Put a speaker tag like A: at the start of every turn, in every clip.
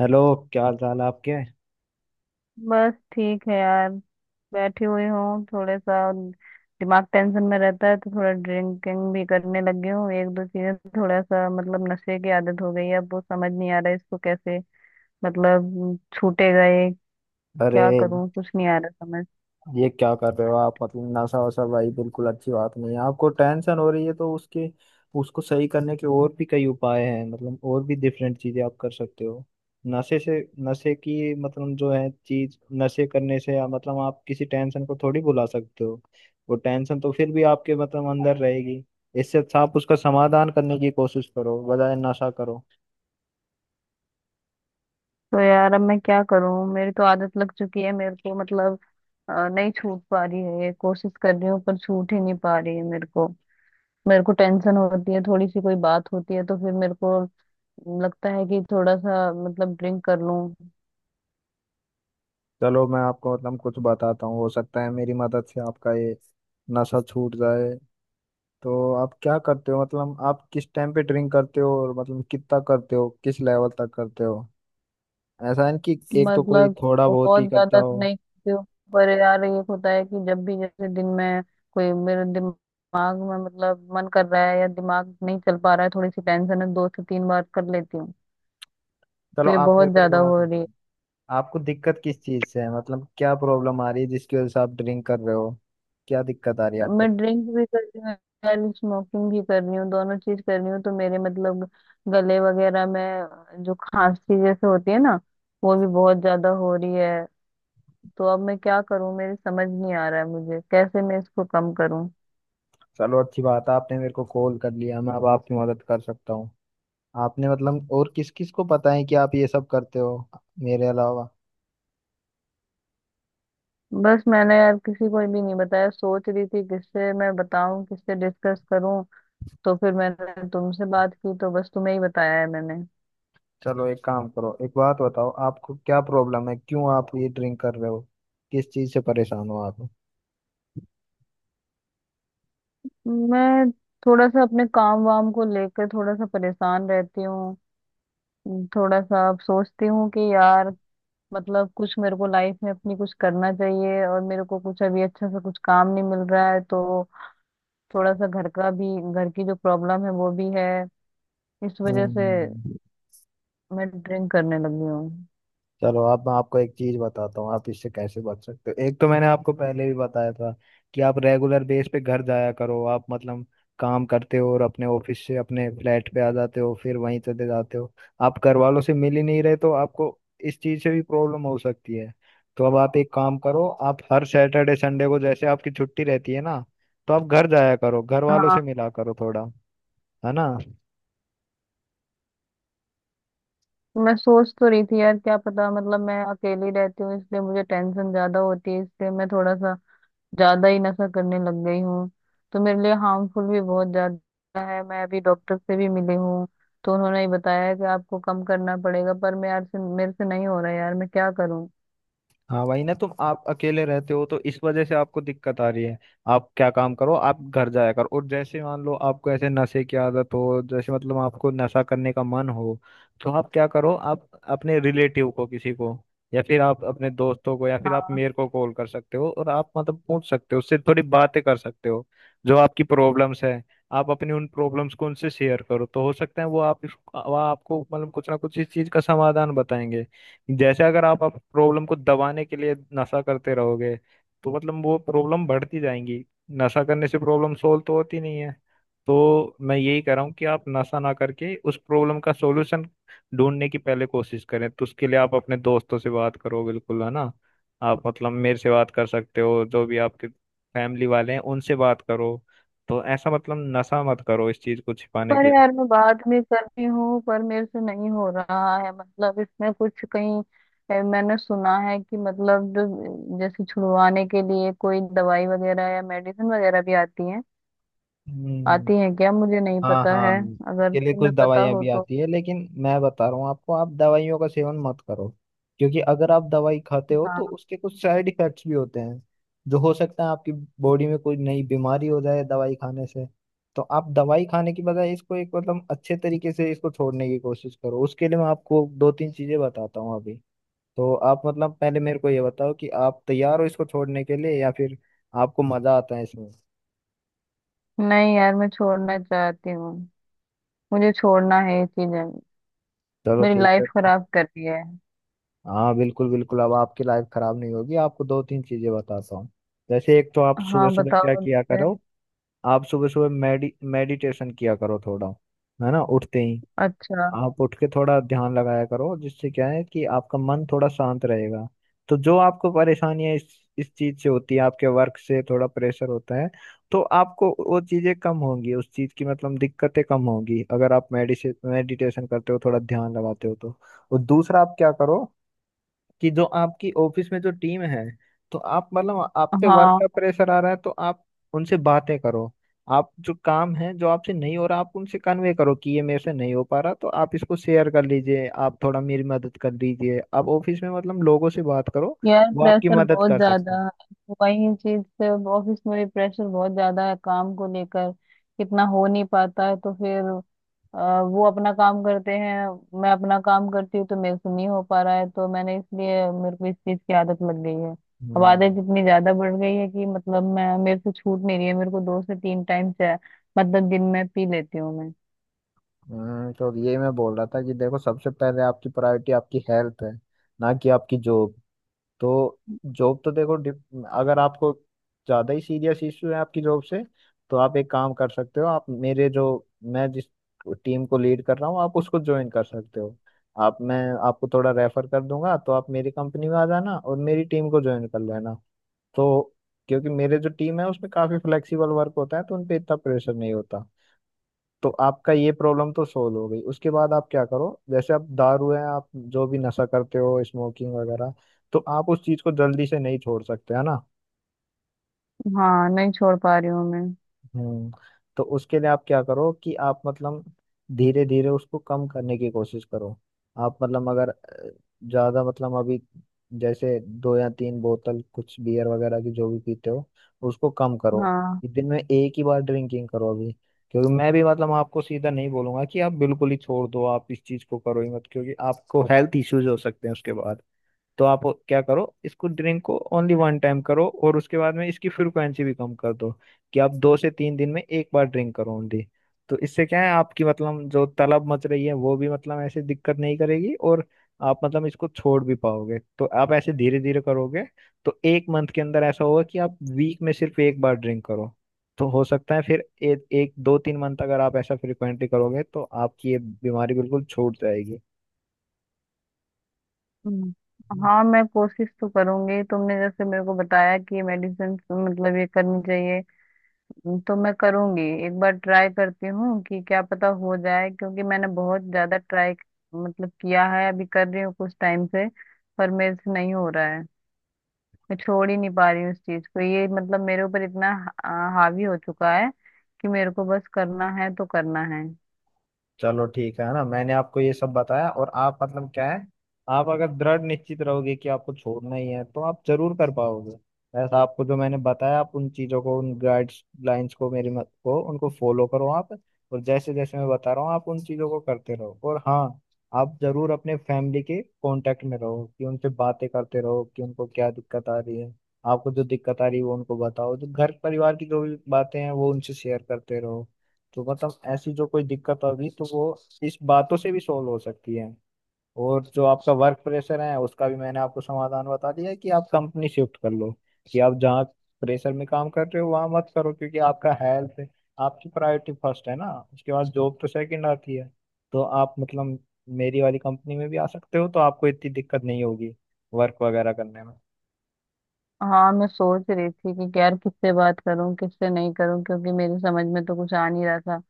A: Hello. क्या हाल चाल है आपके।
B: बस ठीक है यार। बैठी हुई हूँ, थोड़ा सा दिमाग टेंशन में रहता है, तो थोड़ा ड्रिंकिंग भी करने लगी हूँ। एक दो चीजें, थोड़ा सा मतलब नशे की आदत हो गई है। अब वो समझ नहीं आ रहा है इसको कैसे मतलब छूटे गए।
A: अरे
B: क्या करूँ, कुछ नहीं आ रहा समझ।
A: ये क्या कर रहे हो आप मतलब नशा वशा भाई बिल्कुल अच्छी बात नहीं है। आपको टेंशन हो रही है तो उसके उसको सही करने के और भी कई उपाय हैं। मतलब और भी डिफरेंट चीजें आप कर सकते हो नशे से। नशे की मतलब जो है चीज नशे करने से या मतलब आप किसी टेंशन को थोड़ी भुला सकते हो। वो टेंशन तो फिर भी आपके मतलब अंदर रहेगी। इससे अच्छा आप उसका समाधान करने की कोशिश करो बजाय नशा करो।
B: तो यार अब मैं क्या करूँ, मेरी तो आदत लग चुकी है मेरे को। नहीं छूट पा रही है, ये कोशिश कर रही हूँ पर छूट ही नहीं पा रही है मेरे को। मेरे को टेंशन होती है, थोड़ी सी कोई बात होती है तो फिर मेरे को लगता है कि थोड़ा सा मतलब ड्रिंक कर लूं।
A: चलो मैं आपको मतलब कुछ बताता हूँ। हो सकता है मेरी मदद से आपका ये नशा छूट जाए। तो आप क्या करते हो, मतलब आप किस टाइम पे ड्रिंक करते हो और मतलब कितना करते हो, किस लेवल तक करते हो। ऐसा है ना कि एक तो कोई
B: मतलब
A: थोड़ा बहुत
B: बहुत
A: ही करता
B: ज्यादा
A: हो।
B: तो नहीं पीती हूँ, पर यार ये होता है कि जब भी, जैसे दिन में कोई मेरे दिमाग में मतलब मन कर रहा है या दिमाग नहीं चल पा रहा है, थोड़ी सी टेंशन है, 2 से 3 बार कर लेती हूँ।
A: चलो
B: तो ये
A: आप
B: बहुत
A: मेरे को एक
B: ज्यादा
A: बात
B: हो रही
A: बताओ,
B: है।
A: आपको दिक्कत किस चीज़ से है। मतलब क्या प्रॉब्लम आ रही है जिसकी वजह से आप ड्रिंक कर रहे हो। क्या दिक्कत आ रही है
B: मैं
A: आपको।
B: ड्रिंक भी कर रही हूँ यार, स्मोकिंग भी कर रही हूँ, दोनों चीज कर रही हूँ। तो मेरे मतलब गले वगैरह में जो खांसी जैसे होती है ना, वो भी बहुत ज्यादा हो रही है। तो अब मैं क्या करूं, मेरे समझ नहीं आ रहा है मुझे कैसे मैं इसको कम करूं।
A: चलो अच्छी बात है आपने मेरे को कॉल कर लिया, मैं अब आपकी मदद कर सकता हूँ। आपने मतलब और किस किस को पता है कि आप ये सब करते हो मेरे अलावा।
B: बस मैंने यार किसी को भी नहीं बताया, सोच रही थी किससे मैं बताऊं, किससे डिस्कस करूं। तो फिर मैंने तुमसे बात की, तो बस तुम्हें ही बताया है मैंने।
A: चलो एक काम करो, एक बात बताओ आपको क्या प्रॉब्लम है, क्यों आप ये ड्रिंक कर रहे हो, किस चीज से परेशान हो आप।
B: मैं थोड़ा सा अपने काम वाम को लेकर थोड़ा सा परेशान रहती हूँ। थोड़ा सा अब सोचती हूँ कि यार मतलब कुछ मेरे को लाइफ में अपनी कुछ करना चाहिए, और मेरे को कुछ अभी अच्छा सा कुछ काम नहीं मिल रहा है। तो थोड़ा सा घर का भी, घर की जो प्रॉब्लम है वो भी है। इस वजह से
A: हम्म।
B: मैं ड्रिंक करने लगी हूँ।
A: चलो अब मैं आपको एक चीज बताता हूँ आप इससे कैसे बच सकते हो। एक तो मैंने आपको पहले भी बताया था कि आप रेगुलर बेस पे घर जाया करो। आप मतलब काम करते हो और अपने ऑफिस से अपने फ्लैट पे आ जाते हो, फिर वहीं चले जाते हो। आप घर वालों से मिल ही नहीं रहे तो आपको इस चीज से भी प्रॉब्लम हो सकती है। तो अब आप एक काम करो, आप हर सैटरडे संडे को, जैसे आपकी छुट्टी रहती है ना, तो आप घर जाया करो, घर वालों
B: हाँ,
A: से मिला करो थोड़ा, है ना।
B: मैं सोच तो रही थी यार, क्या पता मतलब मैं अकेली रहती हूँ इसलिए मुझे टेंशन ज्यादा होती है, इसलिए मैं थोड़ा सा ज्यादा ही नशा करने लग गई हूँ। तो मेरे लिए हार्मफुल भी बहुत ज्यादा है। मैं अभी डॉक्टर से भी मिली हूँ, तो उन्होंने ही बताया है कि आपको कम करना पड़ेगा। पर मैं मेरे से नहीं हो रहा है यार, मैं क्या करूँ।
A: हाँ वही ना, तुम आप अकेले रहते हो तो इस वजह से आपको दिक्कत आ रही है। आप क्या काम करो, आप घर जाया करो, और जैसे मान लो आपको ऐसे नशे की आदत हो, जैसे मतलब आपको नशा करने का मन हो, तो आप क्या करो, आप अपने रिलेटिव को किसी को, या फिर आप अपने दोस्तों को या फिर आप मेरे को कॉल कर सकते हो, और आप मतलब पूछ सकते हो, उससे थोड़ी बातें कर सकते हो जो आपकी प्रॉब्लम्स है। आप अपनी उन प्रॉब्लम्स को उनसे शेयर करो तो हो सकता है वो आप वो आपको मतलब कुछ ना कुछ इस चीज का समाधान बताएंगे। जैसे अगर आप प्रॉब्लम को दबाने के लिए नशा करते रहोगे तो मतलब वो प्रॉब्लम बढ़ती जाएंगी। नशा करने से प्रॉब्लम सोल्व तो होती नहीं है। तो मैं यही कह रहा हूँ कि आप नशा ना करके उस प्रॉब्लम का सॉल्यूशन ढूंढने की पहले कोशिश करें। तो उसके लिए आप अपने दोस्तों से बात करो, बिल्कुल है ना। आप मतलब मेरे से बात कर सकते हो, जो भी आपके फैमिली वाले हैं उनसे बात करो। तो ऐसा मतलब नशा मत करो इस चीज को छिपाने
B: पर
A: के लिए।
B: यार, मैं बाद में कर रही हूँ पर मेरे से नहीं हो रहा है, मतलब इसमें कुछ कहीं मैंने सुना है कि मतलब जो, जैसे छुड़वाने के लिए कोई दवाई वगैरह या मेडिसिन वगैरह भी आती है।
A: हम्म।
B: आती है क्या, मुझे नहीं
A: हाँ
B: पता
A: हाँ,
B: है। अगर
A: इसके लिए कुछ
B: तुम्हें पता
A: दवाइयाँ
B: हो
A: भी
B: तो।
A: आती है, लेकिन मैं बता रहा हूँ आपको, आप दवाइयों का सेवन मत करो, क्योंकि अगर आप दवाई खाते हो तो
B: हाँ,
A: उसके कुछ साइड इफेक्ट्स भी होते हैं जो हो सकता है आपकी बॉडी में कोई नई बीमारी हो जाए दवाई खाने से। तो आप दवाई खाने की बजाय इसको एक मतलब अच्छे तरीके से इसको छोड़ने की कोशिश करो। उसके लिए मैं आपको दो तीन चीज़ें बताता हूँ अभी। तो आप मतलब पहले मेरे को ये बताओ कि आप तैयार हो इसको छोड़ने के लिए या फिर आपको मज़ा आता है इसमें।
B: नहीं यार मैं छोड़ना चाहती हूँ। मुझे छोड़ना है ये चीजें,
A: चलो
B: मेरी
A: ठीक
B: लाइफ
A: है।
B: खराब कर रही है।
A: हाँ बिल्कुल बिल्कुल, अब आपकी लाइफ खराब नहीं होगी, आपको दो तीन चीजें बताता हूँ। जैसे एक तो आप
B: हाँ
A: सुबह सुबह क्या
B: बताओ
A: किया
B: मुझे।
A: करो, आप सुबह सुबह मेडिटेशन किया करो थोड़ा, है ना, उठते ही।
B: अच्छा।
A: आप उठ के थोड़ा ध्यान लगाया करो, जिससे क्या है कि आपका मन थोड़ा शांत रहेगा। तो जो आपको परेशानियां इस चीज से होती है, आपके वर्क से थोड़ा प्रेशर होता है, तो आपको वो चीजें कम होंगी, उस चीज की मतलब दिक्कतें कम होंगी अगर आप मेडिसे मेडिटेशन करते हो, थोड़ा ध्यान लगाते हो तो। और दूसरा आप क्या करो, कि जो आपकी ऑफिस में जो टीम है, तो आप मतलब आप पे वर्क
B: हाँ
A: का प्रेशर आ रहा है तो आप उनसे बातें करो। आप जो काम है जो आपसे नहीं हो रहा, आप उनसे कन्वे करो कि ये मेरे से नहीं हो पा रहा तो आप इसको शेयर कर लीजिए, आप थोड़ा मेरी मदद कर दीजिए। आप ऑफिस में मतलब लोगों से बात करो,
B: यार,
A: वो आपकी
B: प्रेशर
A: मदद
B: बहुत
A: कर सकते
B: ज्यादा
A: हैं।
B: है, तो वही चीज से ऑफिस में भी प्रेशर बहुत ज्यादा है काम को लेकर। कितना हो नहीं पाता है तो फिर वो अपना काम करते हैं, मैं अपना काम करती हूँ, तो मेरे से नहीं हो पा रहा है, तो मैंने इसलिए मेरे को इस चीज की आदत लग गई है। अब
A: हम्म।
B: आदत इतनी ज्यादा बढ़ गई है कि मतलब मैं, मेरे से छूट नहीं रही है। मेरे को 2 से 3 टाइम चाय मतलब दिन में पी लेती हूँ मैं।
A: तो ये मैं बोल रहा था कि देखो, सबसे पहले आपकी प्रायोरिटी आपकी हेल्थ है, ना कि आपकी जॉब। तो जॉब तो देखो, अगर आपको ज़्यादा ही सीरियस इशू है आपकी जॉब से, तो आप एक काम कर सकते हो, आप मेरे जो मैं जिस टीम को लीड कर रहा हूँ आप उसको ज्वाइन कर सकते हो। आप मैं आपको थोड़ा रेफर कर दूंगा तो आप मेरी कंपनी में आ जाना और मेरी टीम को ज्वाइन कर लेना। तो क्योंकि मेरे जो टीम है उसमें काफ़ी फ्लेक्सिबल वर्क होता है तो उन पे इतना प्रेशर नहीं होता। तो आपका ये प्रॉब्लम तो सोल्व हो गई, उसके बाद आप क्या करो, जैसे आप दारू है, आप जो भी नशा करते हो स्मोकिंग वगैरह, तो आप उस चीज को जल्दी से नहीं छोड़ सकते, है ना।
B: हाँ, नहीं छोड़ पा रही हूँ मैं।
A: हम्म। तो उसके लिए आप क्या करो कि आप मतलब धीरे धीरे उसको कम करने की कोशिश करो। आप मतलब अगर ज्यादा मतलब अभी जैसे दो या तीन बोतल कुछ बियर वगैरह की जो भी पीते हो, उसको कम करो।
B: हाँ।
A: इस दिन में एक ही बार ड्रिंकिंग करो अभी। क्योंकि मैं भी मतलब आपको सीधा नहीं बोलूंगा कि आप बिल्कुल ही छोड़ दो, आप इस चीज को करो ही मत, क्योंकि आपको हेल्थ इश्यूज हो सकते हैं उसके बाद। तो आप क्या करो, इसको ड्रिंक को ओनली वन टाइम करो और उसके बाद में इसकी फ्रिक्वेंसी भी कम कर दो, कि आप दो से तीन दिन में एक बार ड्रिंक करो ओनली। तो इससे क्या है आपकी मतलब जो तलब मच रही है वो भी मतलब ऐसे दिक्कत नहीं करेगी, और आप मतलब इसको छोड़ भी पाओगे तो आप ऐसे धीरे धीरे करोगे। तो एक मंथ के अंदर ऐसा होगा कि आप वीक में सिर्फ एक बार ड्रिंक करो। तो हो सकता है फिर एक दो तीन मंथ अगर आप ऐसा फ्रिक्वेंटली करोगे तो आपकी ये बीमारी बिल्कुल छूट जाएगी।
B: हम्म। हाँ मैं कोशिश तो करूंगी, तुमने जैसे मेरे को बताया कि ये मेडिसिन मतलब ये करनी चाहिए, तो मैं करूंगी। एक बार ट्राई करती हूँ, कि क्या पता हो जाए, क्योंकि मैंने बहुत ज्यादा ट्राई मतलब किया है, अभी कर रही हूँ कुछ टाइम से। पर मेरे से नहीं हो रहा है, मैं छोड़ ही नहीं पा रही हूँ इस चीज को। ये मतलब मेरे ऊपर इतना हावी हो चुका है कि मेरे को, बस करना है तो करना है।
A: चलो ठीक है ना, मैंने आपको ये सब बताया, और आप मतलब क्या है, आप अगर दृढ़ निश्चित रहोगे कि आपको छोड़ना ही है तो आप जरूर कर पाओगे। ऐसा आपको जो मैंने बताया आप उन चीजों को, उन गाइडलाइंस को, मेरी मत को उनको फॉलो करो आप। और जैसे जैसे मैं बता रहा हूँ आप उन चीजों को करते रहो। और हाँ, आप जरूर अपने फैमिली के कांटेक्ट में रहो, कि उनसे बातें करते रहो, कि उनको क्या दिक्कत आ रही है, आपको जो दिक्कत आ रही है वो उनको बताओ। जो घर परिवार की जो भी बातें हैं वो उनसे शेयर करते रहो। तो मतलब ऐसी जो कोई दिक्कत होगी तो वो इस बातों से भी सॉल्व हो सकती है। और जो आपका वर्क प्रेशर है उसका भी मैंने आपको समाधान बता दिया है, कि आप कंपनी शिफ्ट कर लो, कि आप जहाँ प्रेशर में काम कर रहे हो वहां मत करो, क्योंकि आपका हेल्थ, आपकी प्रायोरिटी फर्स्ट है ना, उसके बाद जॉब तो सेकंड आती है। तो आप मतलब मेरी वाली कंपनी में भी आ सकते हो तो आपको इतनी दिक्कत नहीं होगी वर्क वगैरह करने में।
B: हाँ मैं सोच रही थी कि यार किससे बात करूं, किससे नहीं करूं, क्योंकि मेरी समझ में तो कुछ आ नहीं रहा था।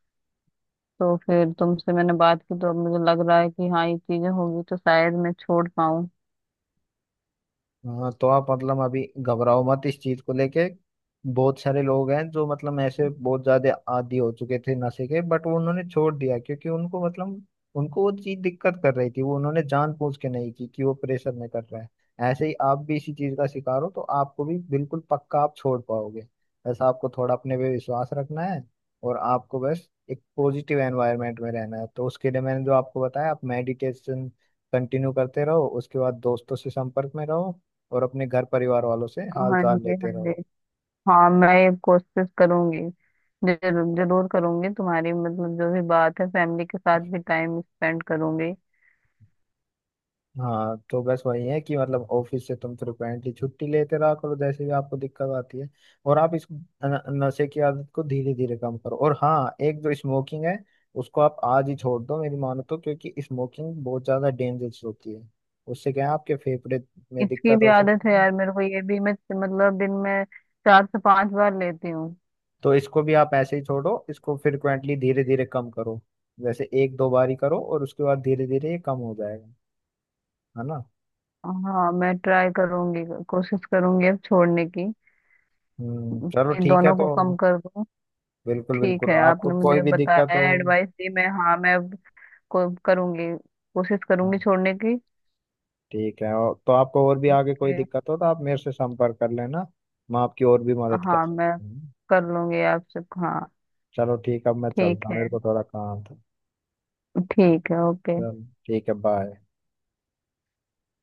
B: तो फिर तुमसे मैंने बात की, तो अब मुझे लग रहा है कि हाँ ये चीजें होगी, तो शायद मैं छोड़ पाऊँ।
A: हाँ तो आप मतलब अभी घबराओ मत इस चीज को लेके। बहुत सारे लोग हैं जो मतलब ऐसे बहुत ज्यादा आदी हो चुके थे नशे के, बट वो उन्होंने छोड़ दिया, क्योंकि उनको मतलब उनको वो चीज दिक्कत कर रही थी, वो उन्होंने जानबूझ के नहीं की, कि वो प्रेशर में कर रहा है। ऐसे ही आप भी इसी चीज का शिकार हो, तो आपको भी बिल्कुल पक्का आप छोड़ पाओगे। बस आपको थोड़ा अपने पे विश्वास रखना है। और आपको बस एक पॉजिटिव एनवायरनमेंट में रहना है। तो उसके लिए मैंने जो आपको बताया, आप मेडिटेशन कंटिन्यू करते रहो, उसके बाद दोस्तों से संपर्क में रहो, और अपने घर परिवार वालों से हाल
B: हाँ
A: चाल
B: जी, हाँ
A: लेते रहो।
B: जी। हाँ मैं ये कोशिश करूंगी, जरूर जरूर करूंगी। तुम्हारी मतलब जो भी बात है, फैमिली के साथ भी टाइम स्पेंड करूंगी।
A: हाँ तो बस वही है कि मतलब ऑफिस से तुम फ्रिक्वेंटली छुट्टी लेते रहा करो, जैसे भी आपको दिक्कत आती है, और आप इस नशे की आदत को धीरे धीरे कम करो। और हाँ एक जो स्मोकिंग है, उसको आप आज ही छोड़ दो मेरी मानो तो, क्योंकि स्मोकिंग बहुत ज्यादा डेंजरस होती है, उससे क्या है आपके फेफड़े में
B: इसकी
A: दिक्कत
B: भी
A: हो
B: आदत
A: सकती
B: है
A: है।
B: यार मेरे को, ये भी मैं मतलब दिन में 4 से 5 बार लेती हूँ।
A: तो इसको भी आप ऐसे ही छोड़ो, इसको फ्रिक्वेंटली धीरे धीरे कम करो, जैसे एक दो बार ही करो और उसके बाद धीरे धीरे ये कम हो जाएगा, है ना।
B: हाँ मैं ट्राई करूंगी, कोशिश करूंगी अब छोड़ने की,
A: चलो
B: इन
A: ठीक है
B: दोनों
A: तो।
B: को कम कर दूं।
A: बिल्कुल
B: ठीक
A: बिल्कुल,
B: है,
A: आपको
B: आपने
A: कोई
B: मुझे
A: भी दिक्कत हो,
B: बताया, एडवाइस दी, मैं हाँ, मैं अब को करूंगी, कोशिश करूंगी
A: हाँ
B: छोड़ने की।
A: ठीक है, और तो आपको और भी आगे कोई
B: ओके।
A: दिक्कत हो तो आप मेरे से संपर्क कर लेना, मैं आपकी और भी मदद कर
B: हाँ मैं
A: सकता हूँ।
B: कर लूंगी आपसे, हाँ।
A: चलो ठीक है अब मैं
B: ठीक
A: चलता हूँ,
B: है।
A: मेरे को थोड़ा काम था।
B: ठीक है, ओके।
A: चलो ठीक है बाय।